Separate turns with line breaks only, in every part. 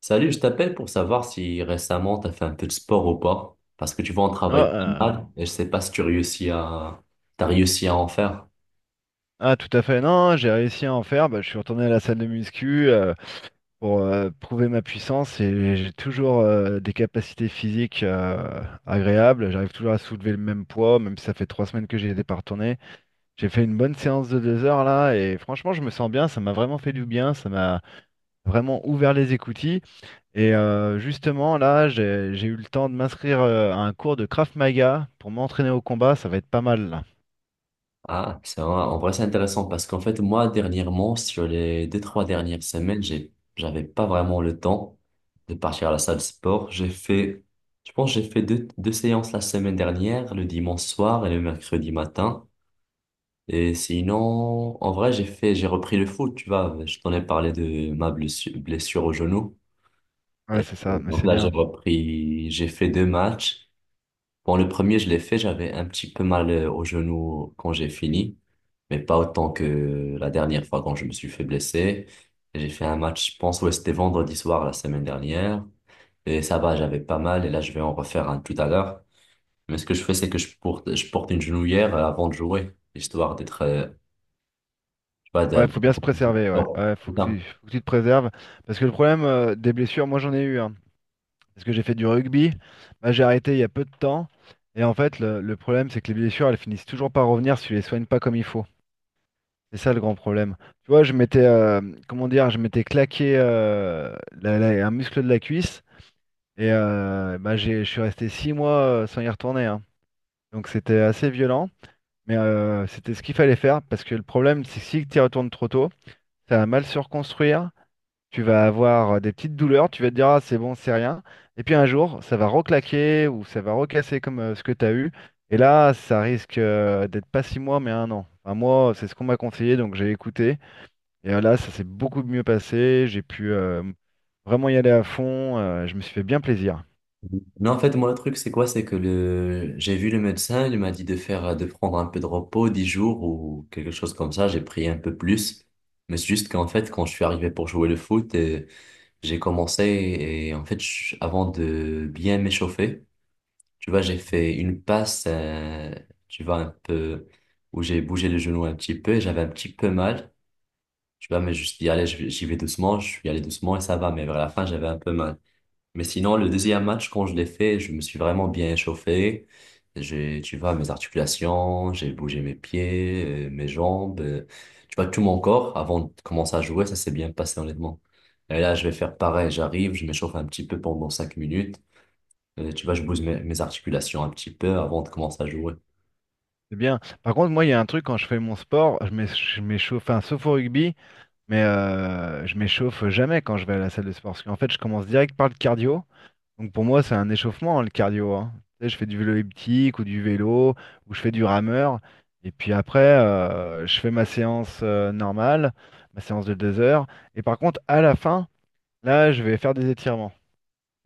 Salut, je t'appelle pour savoir si récemment tu as fait un peu de sport ou pas. Parce que tu vois, on
Ah,
travaille pas mal et je sais pas si t'as réussi à en faire.
ah, tout à fait, non, j'ai réussi à en faire. Bah, je suis retourné à la salle de muscu, pour prouver ma puissance, et j'ai toujours des capacités physiques agréables. J'arrive toujours à soulever le même poids, même si ça fait 3 semaines que j'y étais pas retourné. J'ai fait une bonne séance de 2 heures là, et franchement, je me sens bien. Ça m'a vraiment fait du bien, ça m'a vraiment ouvert les écoutilles. Et justement, là, j'ai eu le temps de m'inscrire à un cours de Krav Maga pour m'entraîner au combat. Ça va être pas mal là.
Ah, c'est vrai. En vrai, c'est intéressant parce qu'en fait, moi, dernièrement, sur les 2, 3 dernières semaines, j'avais pas vraiment le temps de partir à la salle de sport. J'ai fait, je pense, que j'ai fait deux séances la semaine dernière, le dimanche soir et le mercredi matin. Et sinon, en vrai, j'ai fait, j'ai repris le foot, tu vois. Je t'en ai parlé de ma blessure au genou.
Ouais,
Et
c'est
puis,
ça, mais
donc
c'est
là, j'ai
bien.
repris, j'ai fait deux matchs. Bon, le premier, je l'ai fait, j'avais un petit peu mal au genou quand j'ai fini, mais pas autant que la dernière fois quand je me suis fait blesser. Et j'ai fait un match, je pense, ouais, c'était vendredi soir la semaine dernière. Et ça va, j'avais pas mal, et là, je vais en refaire un tout à l'heure. Mais ce que je fais, c'est que je porte une genouillère avant de jouer, histoire d'être, tu vois,
Ouais, faut bien se préserver, ouais.
d'avoir-
Ouais, faut que tu te préserves. Parce que le problème des blessures, moi j'en ai eu, hein. Parce que j'ai fait du rugby. Bah, j'ai arrêté il y a peu de temps. Et en fait, le problème, c'est que les blessures, elles finissent toujours par revenir si tu les soignes pas comme il faut. C'est ça le grand problème. Tu vois, je m'étais, comment dire, je m'étais claqué, un muscle de la cuisse. Et bah, je suis resté 6 mois, sans y retourner, hein. Donc c'était assez violent. Mais c'était ce qu'il fallait faire. Parce que le problème, c'est que si tu y retournes trop tôt, ça va mal se reconstruire. Tu vas avoir des petites douleurs, tu vas te dire ah c'est bon, c'est rien. Et puis un jour, ça va reclaquer ou ça va recasser comme, ce que tu as eu. Et là, ça risque d'être pas 6 mois, mais un an. Enfin, moi, c'est ce qu'on m'a conseillé, donc j'ai écouté. Et là, ça s'est beaucoup mieux passé. J'ai pu vraiment y aller à fond. Je me suis fait bien plaisir.
non en fait, moi, le truc, c'est quoi? C'est que j'ai vu le médecin, il m'a dit de faire, de prendre un peu de repos, 10 jours ou quelque chose comme ça. J'ai pris un peu plus. Mais c'est juste qu'en fait, quand je suis arrivé pour jouer le foot, j'ai commencé et en fait, avant de bien m'échauffer, tu vois, j'ai fait une passe, tu vois, un peu, où j'ai bougé le genou un petit peu et j'avais un petit peu mal. Tu vois, mais je me suis dit, allez, j'y vais doucement, je suis allé doucement et ça va. Mais vers la fin, j'avais un peu mal. Mais sinon, le deuxième match, quand je l'ai fait, je me suis vraiment bien échauffé. J'ai, tu vois, mes articulations, j'ai bougé mes pieds, mes jambes, tu vois, tout mon corps avant de commencer à jouer, ça s'est bien passé honnêtement. Et là, je vais faire pareil, j'arrive, je m'échauffe un petit peu pendant 5 minutes. Tu vois, je bouge mes articulations un petit peu avant de commencer à jouer.
C'est bien. Par contre, moi, il y a un truc, quand je fais mon sport, je m'échauffe, enfin, sauf au rugby, mais je m'échauffe jamais quand je vais à la salle de sport. Parce qu'en fait, je commence direct par le cardio. Donc pour moi, c'est un échauffement, hein, le cardio, hein. Tu sais, je fais du vélo elliptique ou du vélo, ou je fais du rameur. Et puis après, je fais ma séance normale, ma séance de 2 heures. Et par contre, à la fin, là, je vais faire des étirements.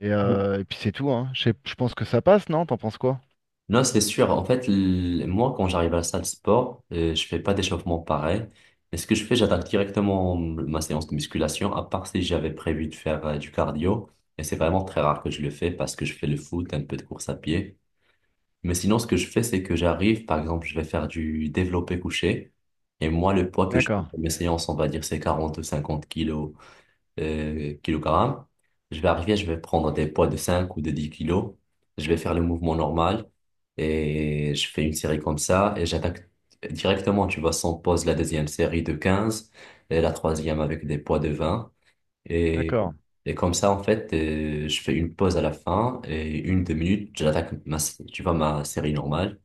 Et puis c'est tout, hein. Je pense que ça passe, non? T'en penses quoi?
Non, c'est sûr. En fait, moi, quand j'arrive à la salle de sport, je fais pas d'échauffement pareil. Mais ce que je fais, j'attaque directement ma séance de musculation, à part si j'avais prévu de faire du cardio. Et c'est vraiment très rare que je le fais parce que je fais le foot, un peu de course à pied. Mais sinon, ce que je fais, c'est que j'arrive, par exemple, je vais faire du développé couché. Et moi, le poids que je fais
D'accord,
pour mes séances, on va dire, c'est 40 ou 50 kilos kilogrammes. Je vais arriver, je vais prendre des poids de 5 ou de 10 kilos. Je vais faire le mouvement normal et je fais une série comme ça et j'attaque directement, tu vois, sans pause, la deuxième série de 15 et la troisième avec des poids de 20. Et,
d'accord.
et comme ça, en fait, je fais une pause à la fin et 1, 2 minutes, j'attaque ma, tu vois, ma série normale.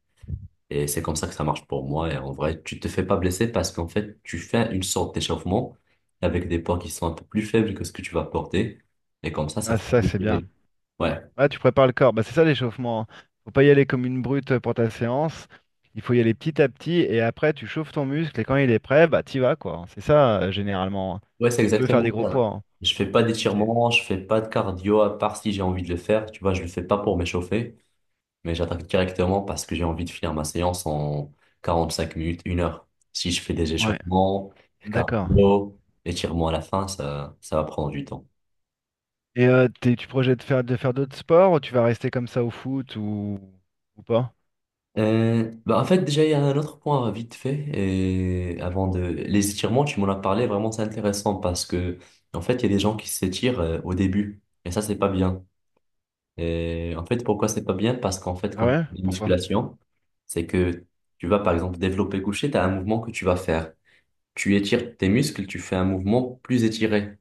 Et c'est comme ça que ça marche pour moi. Et en vrai, tu te fais pas blesser parce qu'en fait, tu fais une sorte d'échauffement avec des poids qui sont un peu plus faibles que ce que tu vas porter. Et comme ça
Ah,
fait
ça, c'est bien.
bouger. Ouais,
Ah, tu prépares le corps. Bah, c'est ça l'échauffement, hein. Faut pas y aller comme une brute pour ta séance. Il faut y aller petit à petit, et après tu chauffes ton muscle, et quand il est prêt, bah t'y vas quoi, hein. C'est ça, généralement, hein.
ouais, c'est
Tu peux faire
exactement
des gros, ouais,
ça.
poids, hein.
Je fais pas
C'est-
d'étirements, je fais pas de cardio à part si j'ai envie de le faire. Tu vois, je le fais pas pour m'échauffer, mais j'attaque directement parce que j'ai envie de finir ma séance en 45 minutes, 1 heure. Si je fais des
Ouais,
échauffements,
d'accord.
cardio, étirements à la fin, ça va prendre du temps.
Et tu projettes de faire, d'autres sports, ou tu vas rester comme ça au foot, ou pas?
Bah en fait, déjà, il y a un autre point vite fait. Et avant de... Les étirements, tu m'en as parlé, vraiment, c'est intéressant parce que, en fait, il y a des gens qui s'étirent au début. Et ça, c'est pas bien. Et en fait, pourquoi c'est pas bien? Parce qu'en fait,
Ah
quand tu
ouais?
fais une
Pourquoi?
musculation, c'est que tu vas, par exemple, développer couché, tu as un mouvement que tu vas faire. Tu étires tes muscles, tu fais un mouvement plus étiré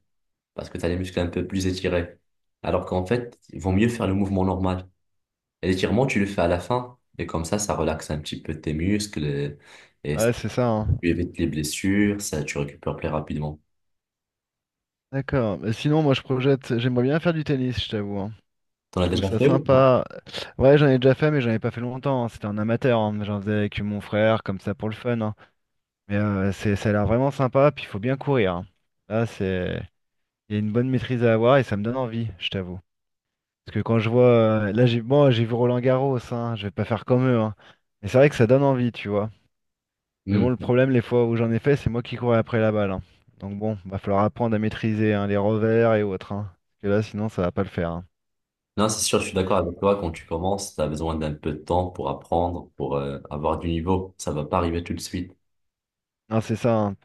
parce que tu as les muscles un peu plus étirés. Alors qu'en fait, il vaut mieux faire le mouvement normal. Et l'étirement, tu le fais à la fin. Et comme ça relaxe un petit peu tes muscles et ça-
Ouais, c'est ça, hein.
tu évites les blessures, ça, tu récupères plus rapidement.
D'accord. Bah, sinon, moi je projette, j'aimerais bien faire du tennis, je t'avoue, hein.
T'en
Je
as
trouve
déjà
ça
fait ou non?
sympa. Ouais, j'en ai déjà fait, mais j'en ai pas fait longtemps, hein. C'était en amateur, hein. J'en faisais avec mon frère, comme ça pour le fun, hein. Mais ça a l'air vraiment sympa. Puis il faut bien courir, hein. Là, c'est, il y a une bonne maîtrise à avoir, et ça me donne envie, je t'avoue. Parce que quand je vois, là, bon, j'ai vu Roland Garros, hein. Je vais pas faire comme eux, hein. Mais c'est vrai que ça donne envie, tu vois. Mais
Hmm.
bon, le problème, les fois où j'en ai fait, c'est moi qui courais après la balle, hein. Donc bon, va falloir apprendre à maîtriser hein, les revers et autres, hein. Parce que là, sinon, ça va pas le faire, hein.
Non, c'est sûr, je suis d'accord avec toi. Quand tu commences, tu as besoin d'un peu de temps pour apprendre, pour avoir du niveau. Ça va pas arriver tout de suite.
Non, c'est ça, hein.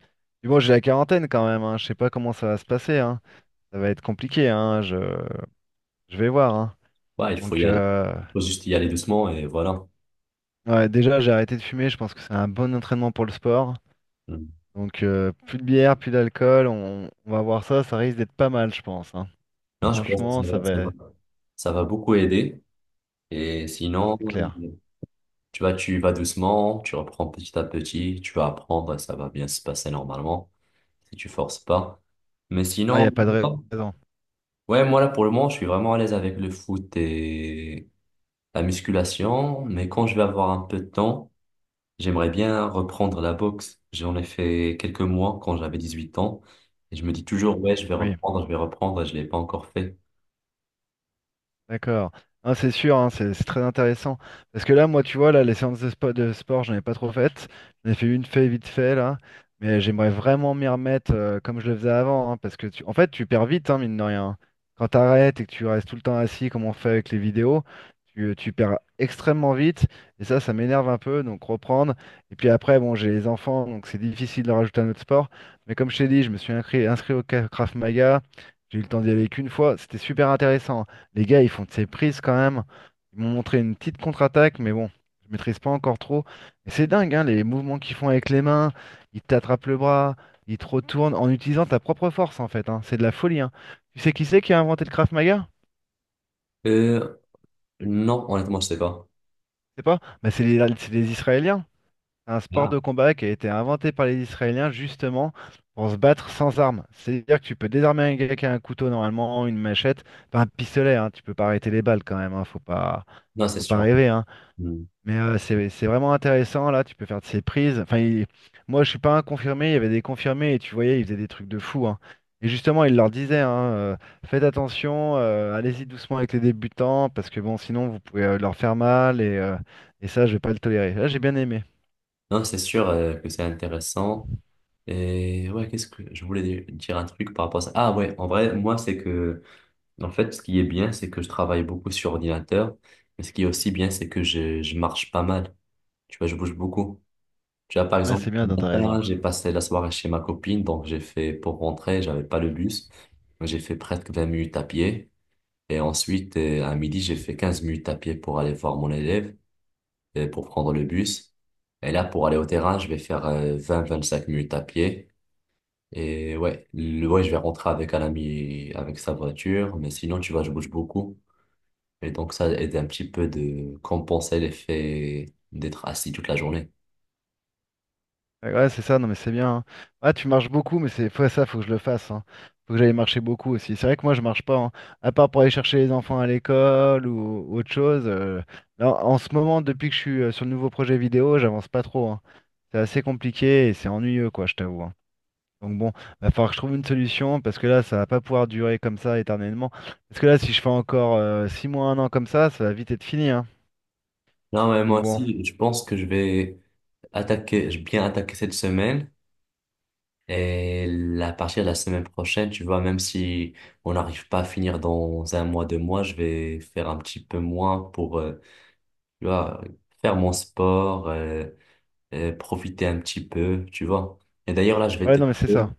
Puis bon, j'ai la quarantaine quand même, hein. Je sais pas comment ça va se passer, hein. Ça va être compliqué, hein. Je vais voir, hein.
Ouais, il faut y
Donc,
aller. Il faut juste y aller doucement et voilà.
ouais, déjà, j'ai arrêté de fumer. Je pense que c'est un bon entraînement pour le sport.
Hmm.
Donc, plus de bière, plus d'alcool. On va voir ça. Ça risque d'être pas mal, je pense, hein.
Non, je pense que
Franchement, ça va.
ça va beaucoup aider. Et
Non,
sinon,
c'est clair.
tu vois, tu y vas doucement, tu reprends petit à petit, tu vas apprendre et ça va bien se passer normalement. Si tu forces pas. Mais
Ah, il n'y
sinon,
a pas de raison.
ouais, moi là pour le moment, je suis vraiment à l'aise avec le foot et la musculation. Mais quand je vais avoir un peu de temps, j'aimerais bien reprendre la boxe. J'en ai fait quelques mois quand j'avais 18 ans. Et je me dis toujours,
Mm.
ouais,
Oui.
je vais reprendre, et je l'ai pas encore fait.
D'accord. Non, c'est sûr, hein, c'est très intéressant. Parce que là, moi, tu vois, là, les séances de sport, j'en ai pas trop faites. J'en ai fait une fait vite fait, là. Mais j'aimerais vraiment m'y remettre, comme je le faisais avant, hein, parce que, en fait, tu perds vite, hein, mine de rien. Quand tu arrêtes et que tu restes tout le temps assis, comme on fait avec les vidéos, tu perds extrêmement vite. Et ça m'énerve un peu. Donc, reprendre. Et puis après, bon, j'ai les enfants, donc c'est difficile de rajouter un autre sport. Mais comme je t'ai dit, je me suis inscrit au Krav Maga. J'ai eu le temps d'y aller qu'une fois. C'était super intéressant, hein. Les gars, ils font de ces prises quand même. Ils m'ont montré une petite contre-attaque, mais bon, je maîtrise pas encore trop. Mais c'est dingue, hein, les mouvements qu'ils font avec les mains. Ils t'attrapent le bras, ils te retournent en utilisant ta propre force en fait, hein. C'est de la folie, hein. Tu sais qui c'est qui a inventé le Krav Maga?
Euh, non, honnêtement, je sais pas.
C'est pas? Bah, c'est les Israéliens. C'est un sport
Ah.
de combat qui a été inventé par les Israéliens, justement, pour se battre sans armes. C'est-à-dire que tu peux désarmer un gars qui a un couteau normalement, une machette, pas un pistolet, hein. Tu peux pas arrêter les balles quand même, hein.
Non, c'est
Faut pas
sûr.
rêver, hein.
Hmm.
Mais c'est vraiment intéressant là, tu peux faire de ces prises. Enfin, moi je suis pas un confirmé, il y avait des confirmés, et tu voyais, ils faisaient des trucs de fou, hein. Et justement, il leur disait, hein, faites attention, allez-y doucement avec les débutants, parce que bon, sinon vous pouvez leur faire mal, et ça, je vais pas le tolérer. Là, j'ai bien aimé.
Non, c'est sûr que c'est intéressant. Et ouais, qu'est-ce que je voulais dire un truc par rapport à ça? Ah ouais, en vrai, moi, c'est que ce qui est bien, c'est que je travaille beaucoup sur ordinateur, mais ce qui est aussi bien, c'est que je marche pas mal. Tu vois, je bouge beaucoup. Tu vois, par
Ouais,
exemple,
c'est bien,
ce
t'as raison.
matin, j'ai passé la soirée chez ma copine, donc j'ai fait, pour rentrer, j'avais pas le bus. Donc j'ai fait presque 20 minutes à pied. Et ensuite, à midi, j'ai fait 15 minutes à pied pour aller voir mon élève, et pour prendre le bus. Et là, pour aller au terrain, je vais faire 20-25 minutes à pied. Et ouais, ouais, je vais rentrer avec un ami, avec sa voiture, mais sinon, tu vois, je bouge beaucoup. Et donc, ça aide un petit peu de compenser l'effet d'être assis toute la journée.
Ouais, ouais, c'est ça, non mais c'est bien, hein. Ah, tu marches beaucoup, mais ça, faut que je le fasse, hein. Faut que j'aille marcher beaucoup aussi. C'est vrai que moi, je marche pas, hein. À part pour aller chercher les enfants à l'école ou autre chose. Là, en ce moment, depuis que je suis sur le nouveau projet vidéo, j'avance pas trop, hein. C'est assez compliqué et c'est ennuyeux, quoi, je t'avoue, hein. Donc bon, va falloir que je trouve une solution, parce que là, ça va pas pouvoir durer comme ça éternellement. Parce que là, si je fais encore, 6 mois, un an comme ça va vite être fini, hein.
Non, mais moi
Donc bon,
aussi, je pense que je vais attaquer, je vais bien attaquer cette semaine. Et à partir de la semaine prochaine, tu vois, même si on n'arrive pas à finir dans 1 mois, 2 mois, je vais faire un petit peu moins pour, tu vois, faire mon sport, profiter un petit peu, tu vois. Et d'ailleurs, là,
ouais, non mais c'est ça.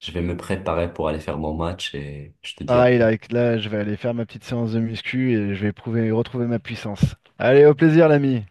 je vais me préparer pour aller faire mon match et je te dis à
Pareil, là, là, je vais aller faire ma petite séance de muscu, et je vais retrouver ma puissance. Allez, au plaisir, l'ami.